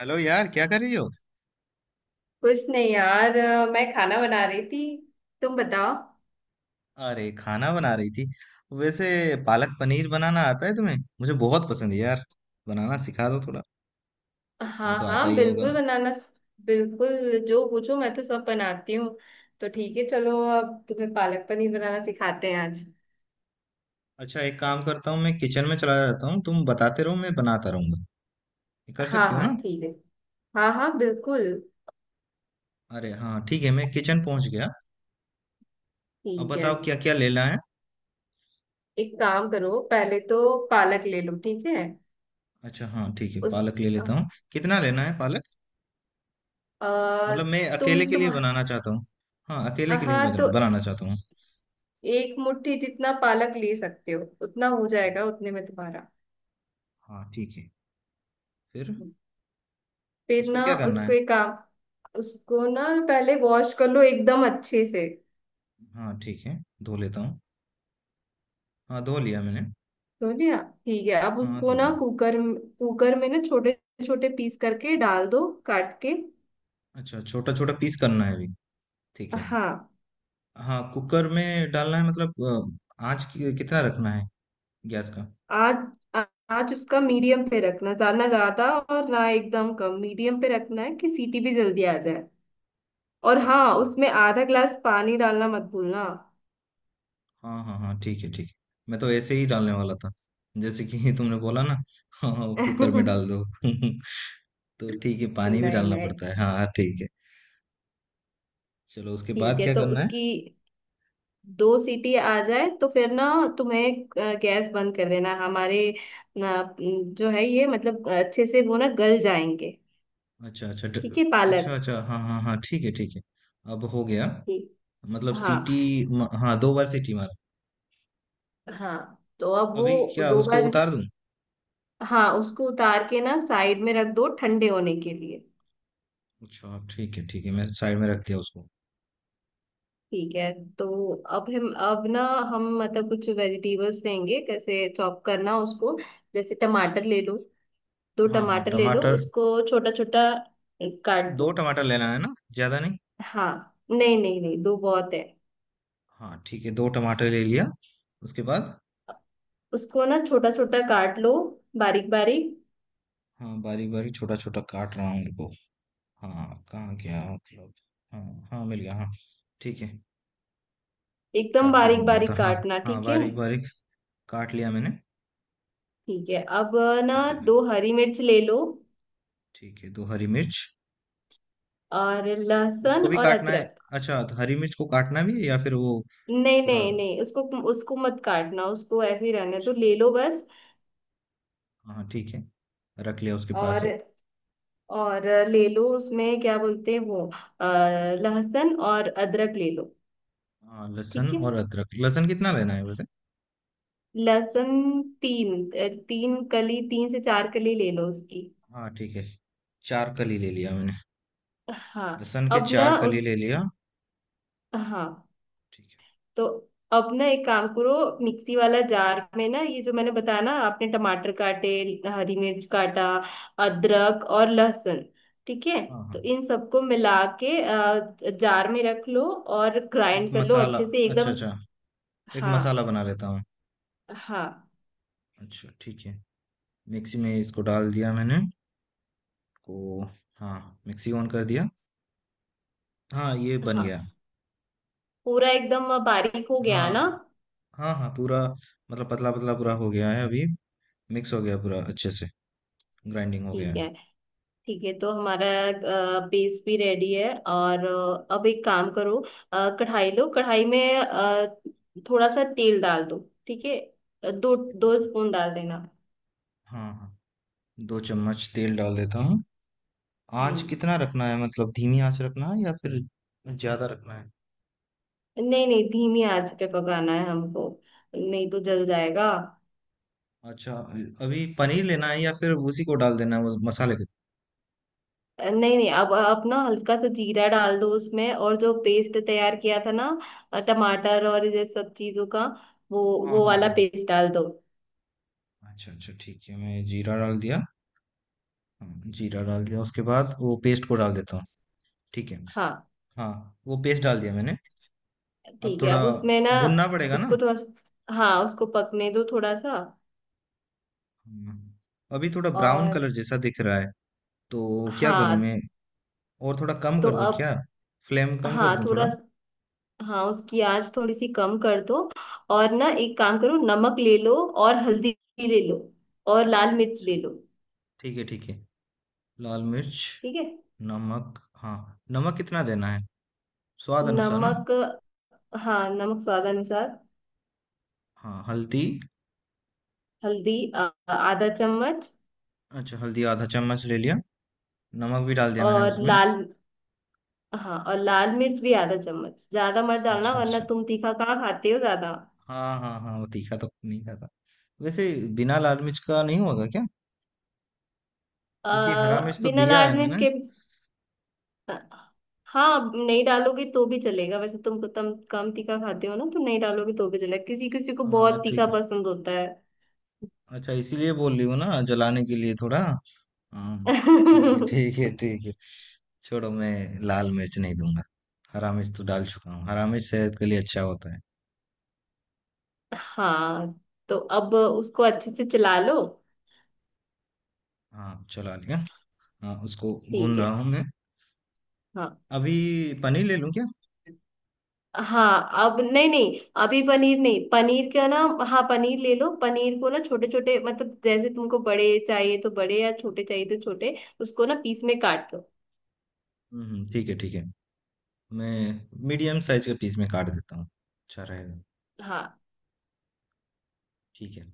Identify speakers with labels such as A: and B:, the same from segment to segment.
A: Hello यार, क्या कर रही हो?
B: कुछ नहीं यार मैं खाना बना रही थी। तुम बताओ।
A: अरे, खाना बना रही थी? वैसे पालक पनीर बनाना आता है तुम्हें? मुझे बहुत पसंद है यार, बनाना सिखा दो थोड़ा।
B: हाँ
A: तुम्हें तो आता
B: हाँ,
A: ही होगा।
B: बिल्कुल बनाना। बिल्कुल, जो पूछो मैं तो सब बनाती हूँ। तो ठीक है, चलो अब तुम्हें पालक पनीर बनाना सिखाते हैं आज।
A: अच्छा, एक काम करता हूँ, मैं किचन में चला जाता हूँ, तुम बताते रहो, मैं बनाता रहूंगा। ये कर
B: हाँ
A: सकती हो
B: हाँ
A: ना?
B: ठीक है। हाँ हाँ बिल्कुल।
A: अरे हाँ, ठीक है, मैं किचन पहुंच गया। अब
B: ठीक है,
A: बताओ क्या क्या लेना है।
B: एक काम करो। पहले तो पालक ले लो, ठीक है।
A: अच्छा हाँ, ठीक है,
B: उस
A: पालक ले
B: अ,
A: लेता हूँ। कितना लेना है पालक?
B: अ,
A: मतलब मैं अकेले के
B: तुम
A: लिए बनाना चाहता हूँ। हाँ, अकेले के लिए
B: हाँ तो,
A: बनाना चाहता हूँ।
B: एक मुट्ठी जितना पालक ले सकते हो, उतना हो जाएगा, उतने में तुम्हारा।
A: हाँ ठीक है। फिर
B: फिर
A: उसको
B: ना
A: क्या करना
B: उसको
A: है?
B: एक काम, उसको ना पहले वॉश कर लो एकदम अच्छे से।
A: हाँ ठीक है, धो लेता हूँ। हाँ, धो लिया मैंने।
B: तो लिया, ठीक है। अब
A: हाँ,
B: उसको
A: धो
B: ना
A: लिया।
B: कुकर कुकर में ना छोटे छोटे पीस करके डाल दो, काट के।
A: अच्छा, छोटा-छोटा पीस करना है अभी, ठीक है।
B: हाँ।
A: हाँ, कुकर में डालना है मतलब। आँच कि कितना रखना है, गैस का?
B: आज आज उसका मीडियम पे रखना, ज्यादा ना ज्यादा और ना एकदम कम, मीडियम पे रखना है कि सीटी भी जल्दी आ जाए। और
A: अच्छा,
B: हाँ,
A: अच्छा।
B: उसमें आधा गिलास पानी डालना मत भूलना।
A: हाँ, हाँ, हाँ, ठीक है, ठीक है। मैं तो ऐसे ही डालने वाला था, जैसे कि तुमने बोला ना, हाँ, हाँ, कुकर में
B: नहीं
A: डाल दो। तो ठीक है, पानी भी डालना
B: नहीं।
A: पड़ता है। हाँ, हाँ, ठीक है। चलो उसके
B: ठीक
A: बाद
B: है,
A: क्या
B: तो
A: करना है?
B: उसकी दो सीटी आ जाए तो फिर ना तुम्हें गैस बंद कर देना। जो है, ये मतलब अच्छे से वो ना गल जाएंगे।
A: अच्छा, अच्छा ड
B: ठीक है
A: अच्छा,
B: पालक।
A: अच्छा। हाँ, हाँ, हाँ, ठीक है, ठीक है। अब हो गया
B: ठीक।
A: मतलब
B: हाँ
A: सीटी। म हाँ, 2 बार सीटी मारा।
B: हाँ, तो अब
A: अभी
B: वो
A: क्या
B: दो
A: उसको
B: बार
A: उतार दूँ?
B: हाँ, उसको उतार के ना साइड में रख दो ठंडे होने के लिए।
A: अच्छा ठीक है, ठीक है, मैं साइड में रख दिया उसको।
B: ठीक है। तो अब हम अब ना हम मतलब कुछ वेजिटेबल्स लेंगे, कैसे चॉप करना उसको। जैसे टमाटर ले लो, दो
A: हाँ हाँ,
B: टमाटर ले लो
A: टमाटर।
B: उसको, छोटा छोटा काट
A: दो
B: लो।
A: टमाटर लेना है ना, ज़्यादा नहीं।
B: हाँ, नहीं नहीं नहीं, दो बहुत है।
A: हाँ ठीक है, दो टमाटर ले लिया। उसके बाद?
B: उसको ना छोटा छोटा काट लो, बारीक बारीक।
A: हाँ, बारीक बारीक छोटा छोटा काट रहा हूँ उनको। हाँ, कहाँ गया मतलब। हाँ। हाँ, मिल गया, हाँ। ठीक है।
B: एकदम
A: चाकू
B: बारीक
A: ढूंढ रहा था,
B: बारीक
A: हाँ।
B: काटना,
A: हाँ,
B: ठीक है।
A: बारीक बारीक। काट लिया मैंने।
B: ठीक है, अब ना
A: ठीक है,
B: दो हरी मिर्च ले लो,
A: ठीक है। दो हरी मिर्च।
B: और लहसुन
A: उसको भी
B: और
A: काटना है?
B: अदरक।
A: अच्छा, तो हरी मिर्च को काटना भी है या फिर वो
B: नहीं
A: पूरा?
B: नहीं
A: अच्छा
B: नहीं, उसको उसको मत काटना, उसको ऐसे ही रहने तो ले लो बस।
A: हाँ, ठीक है, रख लिया उसके पास ही।
B: और और ले लो उसमें क्या बोलते हैं अ, लहसुन और अदरक ले लो।
A: हाँ, लहसुन
B: ठीक है,
A: और अदरक। लहसुन कितना लेना है वैसे?
B: लहसुन तीन कली, तीन से चार कली ले लो उसकी।
A: हाँ ठीक है, चार कली ले लिया मैंने।
B: हाँ।
A: लहसुन के
B: अब ना
A: चार कली
B: उस,
A: ले लिया।
B: हाँ।
A: ठीक है।
B: तो अब ना एक काम करो, मिक्सी वाला जार में ना ये जो मैंने बताया ना, आपने टमाटर काटे, हरी मिर्च काटा, अदरक और लहसुन, ठीक है।
A: हाँ
B: तो
A: हाँ।
B: इन सबको मिला के जार में रख लो और
A: एक
B: ग्राइंड कर लो
A: मसाला,
B: अच्छे से
A: अच्छा
B: एकदम।
A: अच्छा, एक
B: हाँ
A: मसाला बना लेता हूँ।
B: हाँ
A: अच्छा ठीक है, मिक्सी में इसको डाल दिया मैंने। को हाँ, मिक्सी ऑन कर दिया। हाँ, ये बन गया।
B: हाँ, पूरा एकदम बारीक हो गया ना।
A: हाँ हाँ हाँ, पूरा। मतलब पतला पतला पूरा हो गया है अभी। मिक्स हो गया पूरा अच्छे से। ग्राइंडिंग हो गया
B: ठीक
A: है।
B: है, ठीक है। तो हमारा पेस्ट भी रेडी है, और अब एक काम करो, कढ़ाई लो। कढ़ाई में थोड़ा सा तेल डाल दो, ठीक है। अ, दो
A: ठीक है,
B: दो
A: ठीक है।
B: स्पून डाल देना।
A: हाँ हाँ, दो चम्मच तेल डाल देता हूँ। आँच
B: हम्म।
A: कितना रखना है, मतलब धीमी आँच रखना है या फिर ज्यादा रखना है?
B: नहीं नहीं, धीमी आंच पे पकाना है हमको, नहीं तो जल जाएगा।
A: अच्छा। अभी पनीर लेना है या फिर उसी को डाल देना है वो मसाले के?
B: नहीं नहीं, अब ना हल्का सा जीरा डाल दो उसमें, और जो पेस्ट तैयार किया था ना, टमाटर और ये सब चीजों का, वो
A: हाँ
B: वो
A: हाँ
B: वाला
A: हाँ।
B: पेस्ट डाल दो।
A: अच्छा अच्छा ठीक है, मैं जीरा डाल दिया। हाँ, जीरा डाल दिया, उसके बाद वो पेस्ट को डाल देता हूँ। ठीक है।
B: हाँ
A: हाँ, वो पेस्ट डाल दिया मैंने। अब
B: ठीक है,
A: थोड़ा
B: अब उसमें ना
A: भुनना पड़ेगा ना?
B: उसको थोड़ा, हाँ उसको पकने दो थोड़ा सा।
A: हाँ, अभी थोड़ा ब्राउन
B: और,
A: कलर जैसा दिख रहा है, तो क्या करूँ
B: हाँ
A: मैं? और थोड़ा कम
B: तो
A: कर दूँ
B: अब,
A: क्या, फ्लेम कम कर
B: हाँ
A: दूँ
B: थोड़ा,
A: थोड़ा?
B: हाँ उसकी आंच थोड़ी सी कम कर दो। और ना एक काम करो, नमक ले लो और हल्दी ले लो और लाल मिर्च
A: अच्छा
B: ले लो।
A: ठीक है, ठीक है। लाल मिर्च,
B: ठीक है।
A: नमक, हाँ। नमक कितना देना है, स्वाद अनुसार ना?
B: नमक, हाँ नमक स्वाद अनुसार।
A: हाँ, हल्दी।
B: हल्दी आधा चम्मच।
A: अच्छा, हल्दी आधा चम्मच ले लिया। नमक भी डाल दिया मैंने
B: और
A: उसमें।
B: लाल, हाँ और लाल मिर्च भी आधा चम्मच, ज्यादा मत डालना,
A: अच्छा
B: वरना
A: अच्छा।
B: तुम तीखा कहाँ खाते हो ज्यादा।
A: हाँ हाँ हाँ, वो तीखा तो नहीं खाता वैसे। बिना लाल मिर्च का नहीं होगा क्या?
B: अ,
A: क्योंकि हरा मिर्च तो
B: बिना
A: दिया
B: लाल
A: है
B: मिर्च
A: मैंने।
B: के, हाँ। हाँ, नहीं डालोगे तो भी चलेगा, वैसे तुम कम तीखा खाते हो ना, तो नहीं डालोगे तो भी चलेगा। किसी किसी को
A: हाँ
B: बहुत
A: ठीक
B: तीखा
A: है।
B: पसंद होता है।
A: अच्छा, इसीलिए बोल रही हूँ ना, जलाने के लिए थोड़ा। हाँ ठीक है, ठीक है, ठीक है, छोड़ो, मैं लाल मिर्च नहीं दूंगा। हरा मिर्च तो डाल चुका हूँ, हरा मिर्च सेहत के लिए अच्छा होता है।
B: हाँ, तो अब उसको अच्छे से चला लो।
A: हाँ, चला लिया। हाँ, उसको भून
B: ठीक
A: रहा
B: है।
A: हूँ मैं।
B: हाँ,
A: अभी पनीर ले लूँ क्या?
B: हाँ अब, नहीं नहीं, अभी पनीर नहीं, पनीर का ना। हाँ पनीर ले लो, पनीर को ना छोटे छोटे, मतलब जैसे तुमको बड़े चाहिए तो बड़े, या छोटे चाहिए तो छोटे, उसको ना पीस में काट लो।
A: ठीक है ठीक है। मैं मीडियम साइज के पीस में काट देता हूँ, अच्छा रहेगा।
B: हाँ।
A: ठीक है।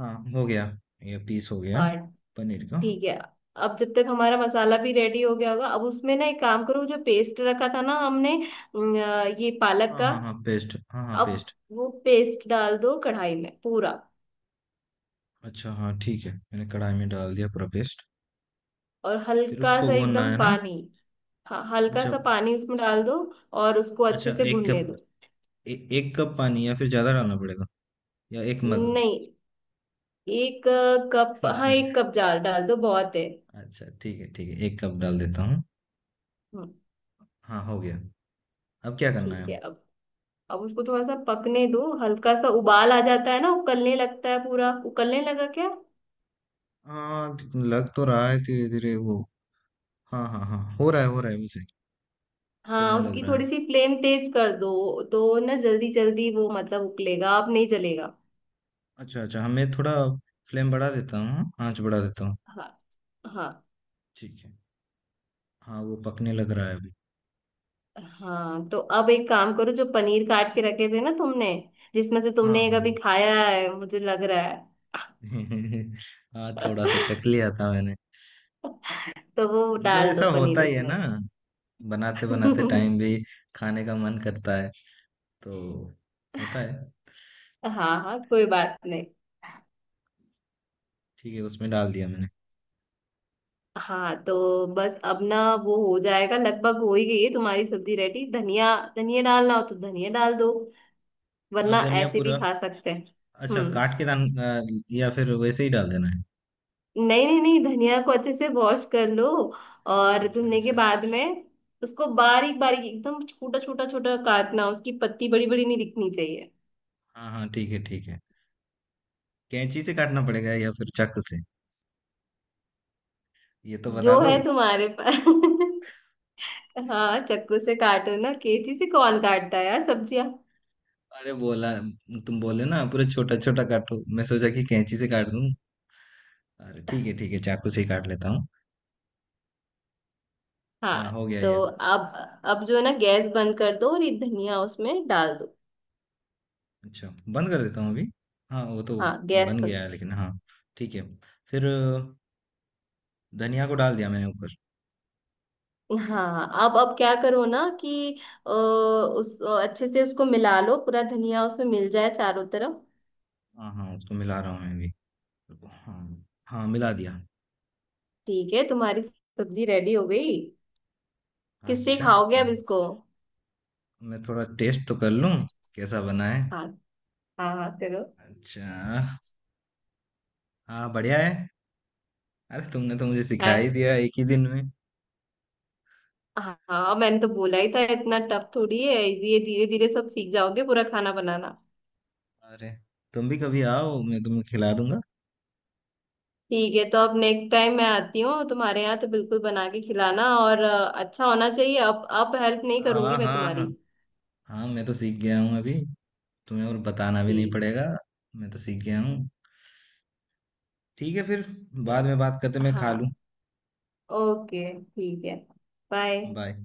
A: हाँ, हो गया। ये पीस हो गया,
B: और,
A: पनीर का।
B: ठीक है। अब जब तक हमारा मसाला भी रेडी हो गया होगा, अब उसमें ना एक काम करो, जो पेस्ट रखा था ना हमने, अम, ये पालक
A: हाँ
B: का,
A: हाँ हाँ, पेस्ट, हाँ हाँ,
B: अब
A: पेस्ट।
B: वो पेस्ट डाल दो कढ़ाई में पूरा।
A: अच्छा हाँ ठीक है, मैंने कढ़ाई में डाल दिया पूरा पेस्ट।
B: और
A: फिर
B: हल्का
A: उसको
B: सा
A: भूनना
B: एकदम
A: है ना?
B: पानी, हाँ हल्का
A: अच्छा
B: सा पानी उसमें डाल दो, और उसको
A: अच्छा,
B: अच्छे से
A: एक
B: भुनने
A: कप।
B: दो।
A: एक कप पानी या फिर ज़्यादा डालना पड़ेगा, या एक मग?
B: नहीं, एक कप, हाँ एक कप जाल डाल दो, बहुत है।
A: अच्छा ठीक है, ठीक है, एक कप डाल देता हूँ।
B: हम्म,
A: हाँ, हो गया। अब क्या करना है?
B: ठीक है। अब उसको थोड़ा सा पकने दो, हल्का सा उबाल आ जाता है ना, उकलने लगता है, पूरा उकलने लगा क्या।
A: हाँ, लग तो रहा है धीरे धीरे वो। हाँ हाँ हाँ, हो रहा है, हो रहा है वैसे।
B: हाँ,
A: खुलने लग
B: उसकी
A: रहा
B: थोड़ी
A: है।
B: सी फ्लेम तेज कर दो तो ना जल्दी जल्दी वो मतलब उबलेगा, अब नहीं जलेगा।
A: अच्छा, अच्छा, हाँ, मैं थोड़ा फ्लेम बढ़ा देता हूँ, आँच बढ़ा देता हूँ।
B: हाँ। हाँ।
A: ठीक है। हाँ, वो पकने लग रहा है अभी।
B: हाँ तो अब एक काम करो, जो पनीर काट के रखे थे ना तुमने, जिसमें से
A: हाँ,
B: तुमने
A: हाँ।
B: कभी खाया है मुझे लग रहा है,
A: हाँ, थोड़ा-सा चख लिया था मैंने।
B: तो वो
A: मतलब
B: डाल दो
A: ऐसा होता
B: पनीर
A: ही है
B: उसमें।
A: ना, बनाते-बनाते टाइम भी खाने का मन करता है, तो होता है।
B: हाँ हाँ, कोई बात नहीं।
A: ठीक है, उसमें डाल दिया मैंने।
B: हाँ तो बस अब ना, वो हो जाएगा, लगभग हो ही गई है तुम्हारी सब्जी रेडी। धनिया, धनिया डालना हो तो धनिया डाल दो, वरना
A: धनिया
B: ऐसे भी
A: पूरा
B: खा सकते हैं।
A: अच्छा
B: हम्म।
A: काट के डाल या फिर वैसे ही डाल देना है?
B: नहीं नहीं नहीं, धनिया को अच्छे से वॉश कर लो, और
A: अच्छा,
B: धुलने के
A: अच्छा।
B: बाद में उसको बारीक बारीक एकदम छोटा छोटा छोटा काटना, उसकी पत्ती बड़ी बड़ी नहीं दिखनी चाहिए।
A: हाँ, हाँ, ठीक है, ठीक है। कैंची से काटना पड़ेगा या फिर चाकू से? ये तो बता
B: जो
A: दो।
B: है तुम्हारे पास। हाँ, चक्कू से काटो ना, कैंची से कौन काटता है यार सब्जियां।
A: अरे बोला, तुम बोले ना पूरा छोटा छोटा काटो, मैं सोचा कि कैंची से काट दूं। अरे ठीक है, ठीक है, चाकू से ही काट लेता हूँ। हाँ,
B: हाँ
A: हो गया
B: तो
A: ये।
B: अब जो है ना गैस बंद कर दो, और ये धनिया उसमें डाल दो।
A: अच्छा, बंद कर देता हूँ अभी। हाँ, वो तो
B: हाँ गैस
A: बन
B: बंद।
A: गया है लेकिन, हाँ ठीक है। फिर धनिया को डाल दिया मैंने ऊपर।
B: हाँ, अब क्या करो ना कि अ, उस अच्छे से उसको मिला लो, पूरा धनिया उसमें मिल जाए चारों तरफ।
A: हाँ हाँ, उसको मिला रहा हूँ मैं भी। हाँ, हाँ, मिला दिया।
B: ठीक है, तुम्हारी सब्जी रेडी हो गई। किससे
A: अच्छा,
B: खाओगे
A: हाँ,
B: अब इसको।
A: मैं थोड़ा टेस्ट तो कर लूँ, कैसा बना है।
B: हाँ हाँ हाँ करो।
A: अच्छा, हाँ, बढ़िया है। अरे, तुमने तो मुझे सिखा ही
B: है,
A: दिया एक ही दिन में।
B: हाँ हाँ, मैंने तो बोला ही था, इतना टफ थोड़ी है ये, धीरे धीरे सब सीख जाओगे पूरा खाना बनाना।
A: अरे, तुम भी कभी आओ, मैं तुम्हें खिला दूंगा।
B: ठीक है, तो अब नेक्स्ट टाइम मैं आती हूँ तुम्हारे यहाँ, तो बिल्कुल बना के खिलाना, और अच्छा होना चाहिए। अब हेल्प नहीं
A: हाँ
B: करूंगी मैं
A: हाँ हाँ।
B: तुम्हारी।
A: हाँ, मैं तो सीख गया हूँ अभी, तुम्हें और बताना भी नहीं
B: ठीक
A: पड़ेगा। मैं तो सीख गया हूँ। ठीक है फिर,
B: है।
A: बाद में बात करते, मैं
B: हाँ,
A: खा लूँ।
B: ओके ठीक है। बाय।
A: बाय।